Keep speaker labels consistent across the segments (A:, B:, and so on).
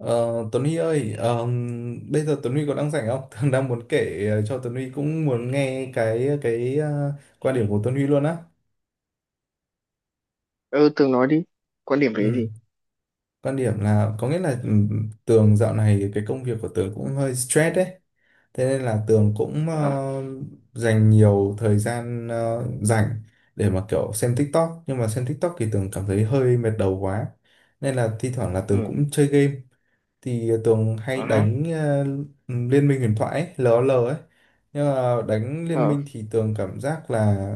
A: Ờ, Tuấn Huy ơi, bây giờ Tuấn Huy có đang rảnh không? Thường đang muốn kể cho Tuấn Huy cũng muốn nghe cái quan điểm của Tuấn Huy luôn á.
B: Ừ, tường nói đi. Quan điểm về cái
A: Ừ.
B: gì?
A: Quan điểm là có nghĩa là Tường dạo này cái công việc của Tường cũng hơi stress đấy. Thế nên là Tường cũng
B: À.
A: dành nhiều thời gian rảnh để mà kiểu xem TikTok. Nhưng mà xem TikTok thì Tường cảm thấy hơi mệt đầu quá. Nên là thi thoảng là Tường
B: Ừ.
A: cũng chơi game. Thì Tường hay
B: À ha.
A: đánh Liên minh huyền thoại ấy, LOL ấy. Nhưng mà đánh Liên
B: Ờ.
A: minh thì Tường cảm giác là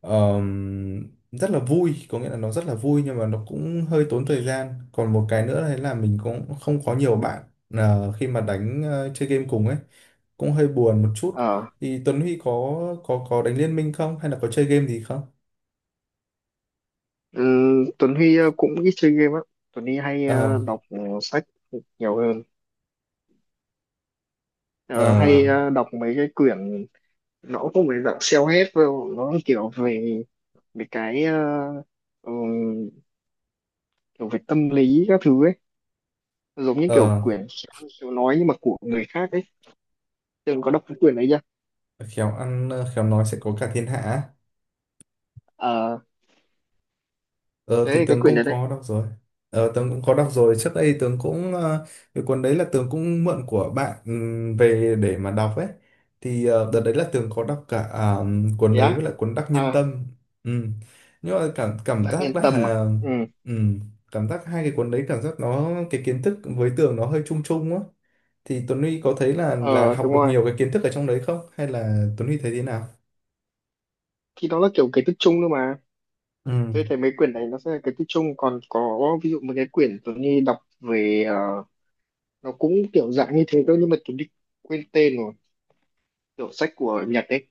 A: rất là vui, có nghĩa là nó rất là vui nhưng mà nó cũng hơi tốn thời gian. Còn một cái nữa đấy là mình cũng không có nhiều bạn khi mà đánh chơi game cùng ấy, cũng hơi buồn một chút.
B: Ờ.
A: Thì Tuấn Huy có có đánh Liên minh không hay là có chơi game gì không?
B: Ừ, Tuấn Huy cũng ít chơi game á. Tuấn Huy hay
A: Ờ
B: đọc sách nhiều hơn. Ờ,
A: ờ
B: hay đọc mấy cái quyển, nó cũng không phải dạng self-help đâu, nó kiểu về về cái ừ, kiểu về tâm lý các thứ ấy, giống như kiểu
A: ờ
B: quyển khéo ăn khéo nói nhưng mà của người khác ấy. Tường có đọc cái quyển đấy chưa?
A: khéo ăn khéo nói sẽ có cả thiên hạ. Á.
B: À,
A: Ờ thì
B: cái
A: Tường
B: quyển
A: cũng
B: đấy đây.
A: có đọc rồi. Ờ Tường cũng có đọc rồi. Trước đây Tường cũng cái cuốn đấy là Tường cũng mượn của bạn về để mà đọc ấy. Thì đợt đấy là Tường có đọc cả cuốn
B: Thế
A: đấy với
B: á.
A: lại cuốn Đắc Nhân
B: À,
A: Tâm. Ừm. Nhưng mà cảm cảm
B: đặc nhân
A: giác
B: tâm à?
A: là
B: Ừ.
A: ừm, cảm giác hai cái cuốn đấy cảm giác nó cái kiến thức với Tường nó hơi chung chung á. Thì Tuấn Huy có thấy là
B: Ờ,
A: học
B: đúng
A: được
B: rồi,
A: nhiều cái kiến thức ở trong đấy không? Hay là Tuấn Huy thấy thế nào?
B: thì nó là kiểu cái tích chung thôi mà.
A: Ừ.
B: Tôi thấy mấy quyển này nó sẽ là cái tích chung, còn có ví dụ một cái quyển tôi như đọc về, nó cũng kiểu dạng như thế thôi nhưng mà tôi đi, quên tên rồi, kiểu sách của Nhật ấy.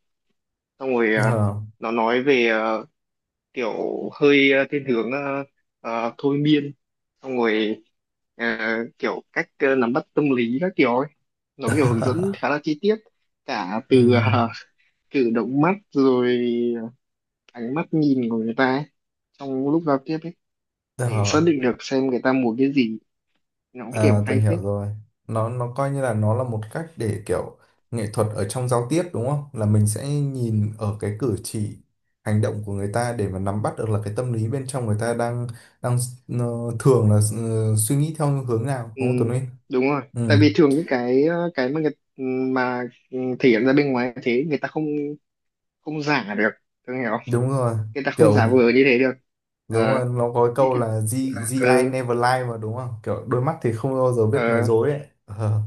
B: Xong rồi
A: Ờ.
B: nó nói về kiểu hơi thiên hướng, thôi miên, xong rồi, ờ, kiểu cách nắm bắt tâm lý các kiểu ấy. Nó kiểu hướng dẫn khá là chi tiết, cả từ
A: Ừ.
B: cử động mắt rồi ánh mắt nhìn của người ta ấy, trong lúc giao tiếp, để xác
A: Ờ.
B: định được xem người ta muốn cái gì. Nó cũng kiểu
A: À, tôi
B: hay
A: hiểu
B: phết.
A: rồi. Nó coi như là nó là một cách để kiểu nghệ thuật ở trong giao tiếp đúng không? Là mình sẽ nhìn ở cái cử chỉ, hành động của người ta để mà nắm bắt được là cái tâm lý bên trong người ta đang đang ờ, thường là suy nghĩ theo hướng nào
B: Ừ,
A: đúng không Tuấn Linh?
B: đúng rồi,
A: Ừ,
B: tại vì thường những cái, cái mà người, mà, thể hiện ra bên ngoài như thế người ta không, không giả được. Tôi hiểu không?
A: đúng rồi.
B: Người ta không giả
A: Kiểu
B: vờ như thế được.
A: đúng
B: Ờ,
A: rồi, nó có cái
B: như
A: câu
B: kiểu
A: là G,
B: là,
A: GI ai never lie mà đúng không? Kiểu đôi mắt thì không bao giờ biết nói
B: ờ,
A: dối ấy. Ờ.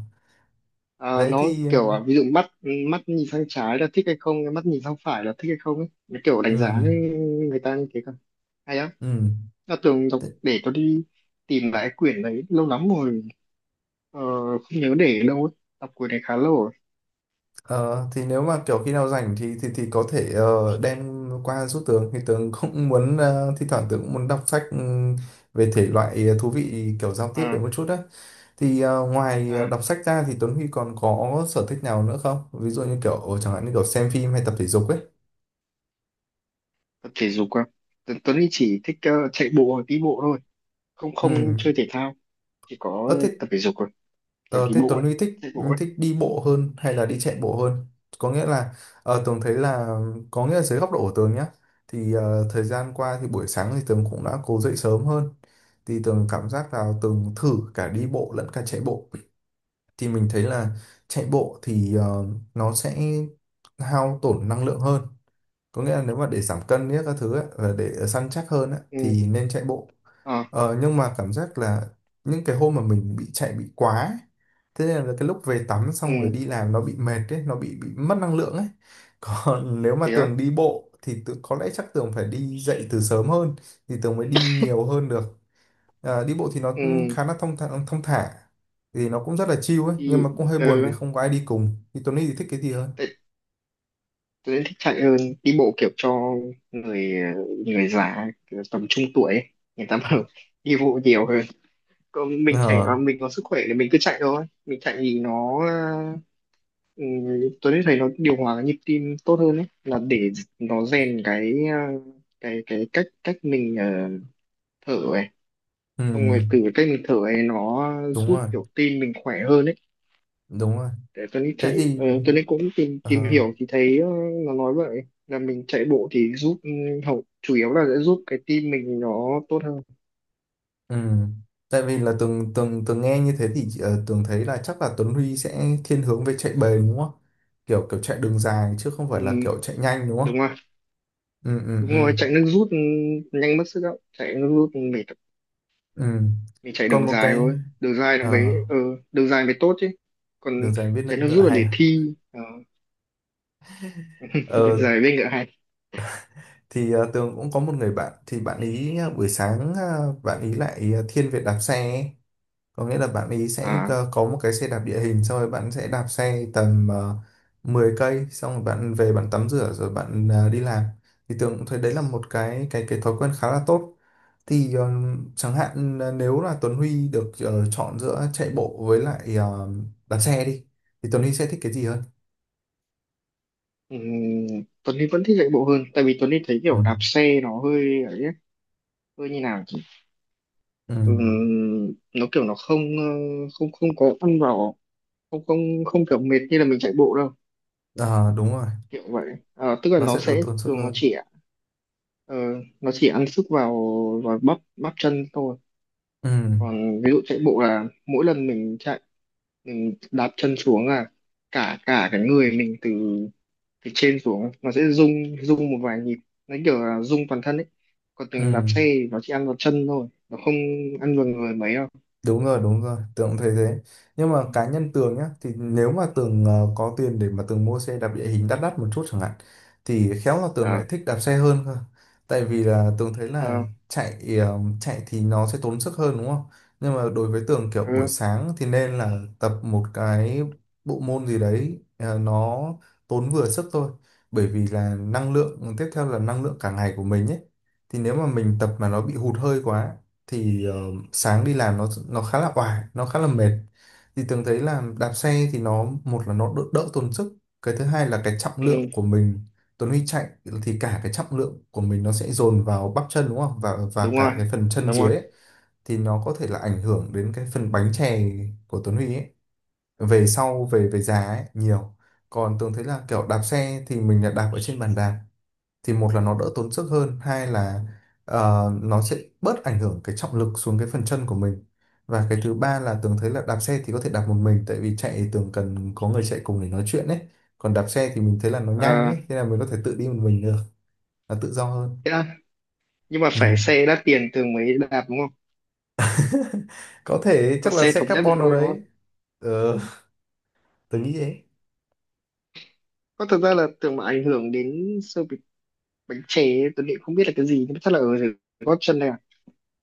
B: ờ,
A: Đấy
B: nó
A: thì
B: kiểu, ví dụ mắt, mắt nhìn sang trái là thích hay không, mắt nhìn sang phải là thích hay không ấy. Nó kiểu đánh giá
A: ừm,
B: người ta như thế cơ. Hay á.
A: ừm.
B: Nó tưởng đọc để tôi đi tìm lại quyển đấy lâu lắm rồi. Ờ, không nhớ để ở đâu ấy. Tập cuối này khá lâu rồi.
A: Ờ, thì nếu mà kiểu khi nào rảnh thì có thể đem qua giúp Tường thì Tường cũng muốn thi thoảng Tường cũng muốn đọc sách về thể loại thú vị kiểu giao tiếp
B: À.
A: đấy một chút đấy thì ngoài
B: À,
A: đọc sách ra thì Tuấn Huy còn có sở thích nào nữa không, ví dụ như kiểu chẳng hạn như kiểu xem phim hay tập thể dục ấy.
B: tập thể dục à? Tuấn Tuấn thì chỉ thích chạy bộ hoặc đi bộ thôi. Không,
A: Ừ.
B: không chơi thể thao. Chỉ có
A: Ờ, thế
B: tập thể dục rồi. Kiểu
A: Ờ,
B: đi
A: thế
B: bộ
A: Tuấn
B: ấy.
A: Huy thích
B: Chạy bộ ấy.
A: thích đi bộ hơn hay là đi chạy bộ hơn? Có nghĩa là Tường thấy là có nghĩa là dưới góc độ của Tường nhá thì thời gian qua thì buổi sáng thì Tường cũng đã cố dậy sớm hơn thì Tường cảm giác là Tường thử cả đi bộ lẫn cả chạy bộ thì mình thấy là chạy bộ thì nó sẽ hao tổn năng lượng hơn, có nghĩa là nếu mà để giảm cân nhất các thứ ấy, và để săn chắc hơn ấy,
B: Ừ.
A: thì nên chạy bộ.
B: À.
A: Nhưng mà cảm giác là những cái hôm mà mình bị chạy bị quá ấy, thế nên là cái lúc về tắm xong rồi
B: Ừ.
A: đi làm nó bị mệt ấy nó bị mất năng lượng ấy. Còn nếu mà
B: Thế
A: Tường
B: á.
A: đi bộ thì tự, có lẽ chắc Tường phải đi dậy từ sớm hơn thì Tường mới đi nhiều hơn được. Ờ, đi bộ thì nó
B: Ừ.
A: cũng khá là thông thả thì nó cũng rất là chill ấy nhưng
B: Thì,
A: mà cũng hơi buồn vì
B: ờ,
A: không có ai đi cùng. Thì Tuấn Huy thì thích cái gì hơn?
B: tại Tuấn thích chạy hơn. Đi bộ kiểu cho người, người già kiểu tầm trung tuổi ấy. Người ta bảo đi bộ nhiều hơn. Còn
A: Ờ,
B: mình trẻ mà mình có sức khỏe thì mình cứ chạy thôi. Mình chạy thì nó, ừ, Tuấn thì thấy nó điều hòa cái nhịp tim tốt hơn ấy, là để nó rèn cái, cái cách cách mình thở ấy,
A: ừ,
B: xong rồi từ cái cách mình thở ấy nó
A: đúng
B: giúp
A: rồi
B: kiểu tim mình khỏe hơn ấy.
A: đúng rồi
B: Để Tuấn đi
A: thế
B: chạy,
A: thì
B: Tuấn đi cũng tìm tìm
A: ờ,
B: hiểu thì thấy nó nói vậy là mình chạy bộ thì giúp, hậu chủ yếu là sẽ giúp cái tim mình nó tốt hơn.
A: ừ. Tại vì là tường tường tường nghe như thế thì tường thấy là chắc là Tuấn Huy sẽ thiên hướng về chạy bền đúng không, kiểu kiểu chạy đường dài chứ không phải là kiểu
B: Ừ,
A: chạy nhanh đúng không?
B: đúng rồi.
A: ừ ừ
B: Đúng
A: ừ
B: rồi, chạy nước rút, nhanh mất sức đâu, chạy nước rút mệt.
A: ừ
B: Mình chạy
A: Còn
B: đường
A: một
B: dài
A: cái
B: thôi, đường dài nó
A: ờ,
B: mới, đường dài mới tốt chứ. Còn
A: đường dài biết nước
B: chạy nước
A: ngựa
B: rút là
A: hay
B: để
A: à?
B: thi, đường
A: Ờ,
B: dài với ngựa hay.
A: thì tường cũng có một người bạn thì bạn ý buổi sáng bạn ý lại thiên về đạp xe ấy. Có nghĩa là bạn ấy sẽ
B: À.
A: cơ- có một cái xe đạp địa hình xong rồi bạn sẽ đạp xe tầm 10 cây xong rồi bạn về bạn tắm rửa rồi bạn đi làm. Thì Tường cũng thấy đấy là một cái cái thói quen khá là tốt. Thì chẳng hạn là nếu là Tuấn Huy được chọn giữa chạy bộ với lại đạp xe đi thì Tuấn Huy sẽ thích cái gì hơn?
B: ừm, Tuấn Huy vẫn thích chạy bộ hơn, tại vì Tuấn Huy thấy
A: Ừ.
B: kiểu đạp xe nó hơi ấy ấy, hơi như nào chứ.
A: Ừ.
B: Nó kiểu nó không, không, không có ăn vào, không, không, không kiểu mệt như là mình chạy bộ đâu,
A: Ờ, đúng rồi,
B: kiểu vậy. Ờ, tức là
A: nó
B: nó
A: sẽ đỡ
B: sẽ
A: tốn sức
B: thường nó
A: hơn.
B: chỉ, ờ, nó chỉ ăn sức vào, bắp, bắp chân thôi.
A: Ừ.
B: Còn ví dụ chạy bộ là mỗi lần mình chạy, mình đạp chân xuống là cả cả cái người mình, từ từ trên xuống nó sẽ rung, rung một vài nhịp, nó kiểu là rung toàn thân ấy. Còn
A: Ừ.
B: từng đạp xe thì nó chỉ ăn vào chân thôi, nó không ăn vào người mấy đâu.
A: Đúng rồi, Tường cũng thấy thế. Nhưng mà cá nhân Tường nhá, thì nếu mà Tường có tiền để mà Tường mua xe đạp địa hình đắt đắt một chút chẳng hạn, thì khéo là Tường lại
B: À.
A: thích đạp xe hơn cơ. Tại vì là Tường thấy là
B: À.
A: chạy chạy thì nó sẽ tốn sức hơn đúng không? Nhưng mà đối với Tường kiểu buổi
B: Ừ.
A: sáng thì nên là tập một cái bộ môn gì đấy nó tốn vừa sức thôi. Bởi vì là năng lượng, tiếp theo là năng lượng cả ngày của mình ấy. Thì nếu mà mình tập mà nó bị hụt hơi quá thì sáng đi làm nó khá là oải, nó khá là mệt. Thì Tường thấy là đạp xe thì nó một là nó đỡ, đỡ tốn sức, cái thứ hai là cái trọng lượng
B: Ừ.
A: của mình. Tuấn Huy chạy thì cả cái trọng lượng của mình nó sẽ dồn vào bắp chân đúng không, và
B: Đúng rồi,
A: cả cái phần chân
B: đúng rồi.
A: dưới ấy, thì nó có thể là ảnh hưởng đến cái phần bánh chè của Tuấn Huy ấy, về sau về về già ấy nhiều. Còn Tường thấy là kiểu đạp xe thì mình là đạp ở trên bàn đạp thì một là nó đỡ tốn sức hơn, hai là nó sẽ bớt ảnh hưởng cái trọng lực xuống cái phần chân của mình. Và cái thứ ba là Tường thấy là đạp xe thì có thể đạp một mình, tại vì chạy thì Tường cần có người chạy cùng để nói chuyện ấy, còn đạp xe thì mình thấy là nó nhanh
B: À,
A: ấy thế là mình có thể tự đi một mình được, là tự do hơn.
B: thế à, nhưng mà
A: Ừ.
B: phải xe đắt tiền thường mới đạp đúng không?
A: Có thể
B: Còn
A: chắc là
B: xe
A: xe
B: thống nhất thì
A: carbon nào
B: thôi đúng không?
A: đấy. ờ, Tường nghĩ thế.
B: Có thật ra là tưởng mà ảnh hưởng đến sơ bị bánh chè ấy, tôi nghĩ không biết là cái gì nhưng mà chắc là ở dưới gót chân này,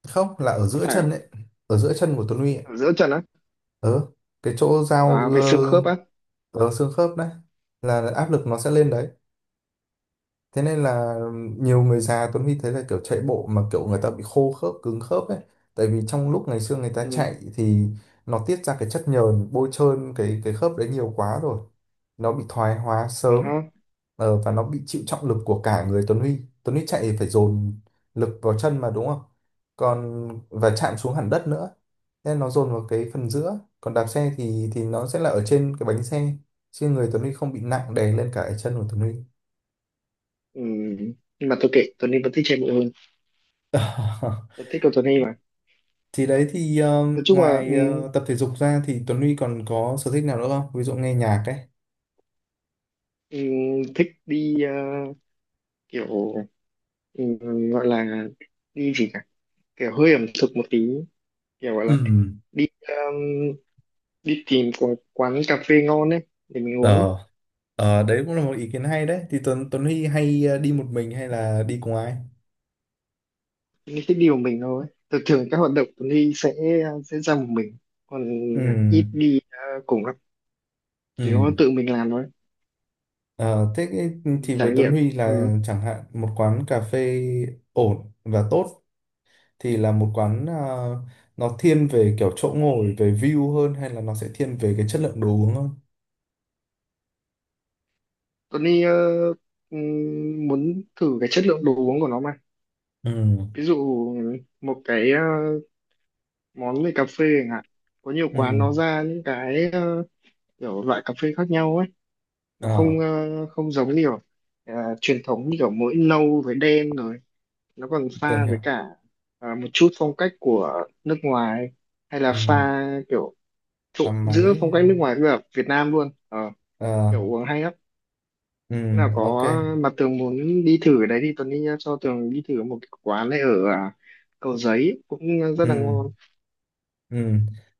A: Không, là ở
B: có
A: giữa
B: phải
A: chân ấy, ở giữa chân của Tuấn Huy ấy.
B: không, giữa trần á.
A: Ờ, cái chỗ giao
B: À, về xương khớp á.
A: xương khớp đấy, là áp lực nó sẽ lên đấy. Thế nên là nhiều người già Tuấn Huy thấy là kiểu chạy bộ mà kiểu người ta bị khô khớp, cứng khớp ấy. Tại vì trong lúc ngày xưa người ta
B: Ừ.
A: chạy thì nó tiết ra cái chất nhờn bôi trơn cái khớp đấy nhiều quá rồi. Nó bị thoái hóa
B: À,
A: sớm.
B: ha.
A: Và nó bị chịu trọng lực của cả người Tuấn Huy. Tuấn Huy chạy phải dồn lực vào chân mà đúng không? Còn và chạm xuống hẳn đất nữa. Thế nó dồn vào cái phần giữa. Còn đạp xe thì nó sẽ là ở trên cái bánh xe. Chứ người Tuấn Huy không bị nặng đè lên cả cái chân của Tuấn Huy.
B: Ừ. Nhưng mà tôi kệ, Tuấn Huy vẫn thích chạy bộ hơn. Tôi thích cầu Tuấn Huy mà.
A: Thì đấy thì
B: Nói chung là,
A: ngoài tập thể dục ra thì Tuấn Huy còn có sở thích nào nữa không? Ví dụ nghe nhạc ấy.
B: ừ, thích đi, kiểu, ừ, gọi là đi gì cả, kiểu hơi ẩm thực một tí, kiểu gọi là
A: Ừ,
B: đi, đi tìm quán, quán cà phê ngon ấy để mình uống ấy.
A: ờ, Ờ, đấy cũng là một ý kiến hay đấy. Thì Tuấn Tuấn Huy hay đi một mình hay là đi cùng ai?
B: Mình thích đi một mình thôi, thường thường các hoạt động Tuấn Huy sẽ, ra một mình. Còn
A: Ừ.
B: ít đi, cùng lắm chỉ có
A: Ừ,
B: tự mình làm thôi.
A: Ờ, thế cái- thì với
B: Trải
A: Tuấn
B: nghiệm.
A: Huy
B: Ừ.
A: là chẳng hạn một quán cà phê ổn và tốt thì là một quán nó thiên về kiểu chỗ ngồi, về view hơn hay là nó sẽ thiên về cái chất lượng đồ uống hơn?
B: Tony muốn thử cái chất lượng đồ uống của nó mà.
A: Ừ.
B: Ví dụ một cái, món về cà phê chẳng hạn. Có nhiều quán
A: Ừ.
B: nó ra những cái, kiểu loại cà phê khác nhau ấy. Nó
A: Ờ,
B: không, không giống kiểu, ờ, truyền thống như kiểu mỗi nâu với đen rồi. Nó còn
A: Tường
B: pha với
A: hiểu.
B: cả, một chút phong cách của nước ngoài, hay là
A: Ừ.
B: pha kiểu
A: Và
B: trộn giữa
A: máy.
B: phong
A: Ờ,
B: cách nước ngoài với cả Việt Nam luôn. Ờ,
A: Ờ,
B: kiểu uống hay lắm. Thế
A: ừ,
B: nào có
A: ok.
B: mà Tường muốn đi thử ở đấy thì Tuấn đi nhá, cho Tường đi thử một cái quán này ở, à, Cầu Giấy cũng rất
A: Ừ,
B: là ngon.
A: ừ.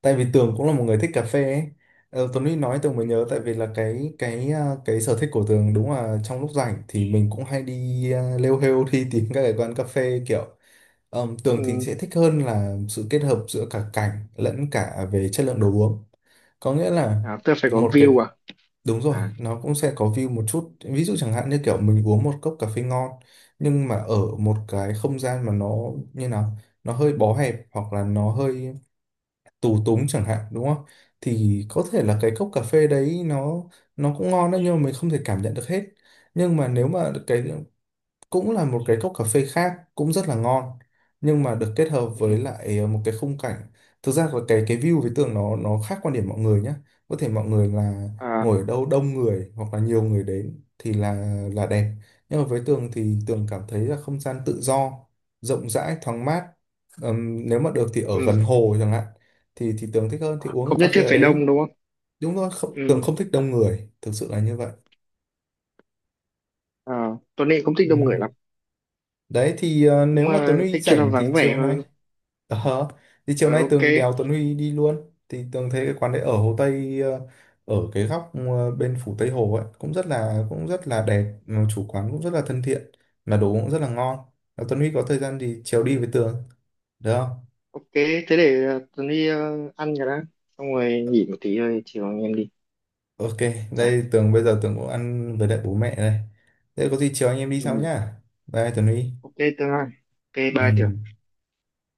A: Tại vì Tường cũng là một người thích cà phê ấy. Ờ, Tuấn Huy nói Tường mới
B: Ừ.
A: nhớ tại vì là cái cái sở thích của Tường đúng là trong lúc rảnh thì mình cũng hay đi lêu hêu đi tìm các cái quán cà phê kiểu Tường thì
B: Ừ.
A: sẽ thích hơn là sự kết hợp giữa cả cảnh lẫn cả về chất lượng đồ uống. Có nghĩa là
B: À, tôi phải có
A: một cái
B: view à.
A: Đúng rồi,
B: À.
A: nó cũng sẽ có view một chút. Ví dụ chẳng hạn như kiểu mình uống một cốc cà phê ngon nhưng mà ở một cái không gian mà nó như nào, nó hơi bó hẹp hoặc là nó hơi tù túng chẳng hạn đúng không? Thì có thể là cái cốc cà phê đấy nó cũng ngon đấy nhưng mà mình không thể cảm nhận được hết. Nhưng mà nếu mà cái cũng là một cái cốc cà phê khác cũng rất là ngon nhưng mà được kết hợp với
B: Ừ.
A: lại một cái khung cảnh thực ra là cái view với tường nó khác quan điểm mọi người nhé. Có thể mọi người là
B: À.
A: ngồi ở đâu đông người hoặc là nhiều người đến thì là đẹp, nhưng mà với tường thì tường cảm thấy là không gian tự do, rộng rãi, thoáng mát. Nếu mà được thì ở gần
B: Ừ.
A: hồ chẳng hạn thì tường thích hơn thì uống
B: Không
A: cà
B: nhất
A: phê
B: thiết
A: ở
B: phải
A: đấy.
B: đông đúng không?
A: Đúng rồi, không,
B: Ừ.
A: tường không thích đông người, thực sự là như vậy.
B: À, Tuấn Anh không thích
A: Ừ.
B: đông người lắm.
A: Đấy thì
B: Cũng
A: nếu mà Tuấn
B: à,
A: Huy
B: thích chỗ nào
A: rảnh thì
B: vắng vẻ
A: chiều nay
B: hơn.
A: Ờ, thì chiều
B: Ờ,
A: nay
B: ok.
A: Tường đèo Tuấn Huy đi luôn, thì Tường thấy cái quán đấy ở Hồ Tây, ở cái góc bên phủ Tây Hồ ấy cũng rất là đẹp. Ừ, chủ quán cũng rất là thân thiện mà đồ cũng rất là ngon. Nếu Tuấn Huy có thời gian thì chiều đi với Tường được không?
B: Ok, thế để, à, Tuấn đi, à, ăn cái đó xong rồi nghỉ một tí rồi chiều anh em đi.
A: Ok,
B: Dạ.
A: đây Tường bây giờ Tường cũng ăn với lại bố mẹ đây, thế có gì chiều anh em đi sau
B: Ừ.
A: nhá. Bye Tuấn Huy.
B: Ok Tường ơi. Ok,
A: Ừ.
B: bye Tường.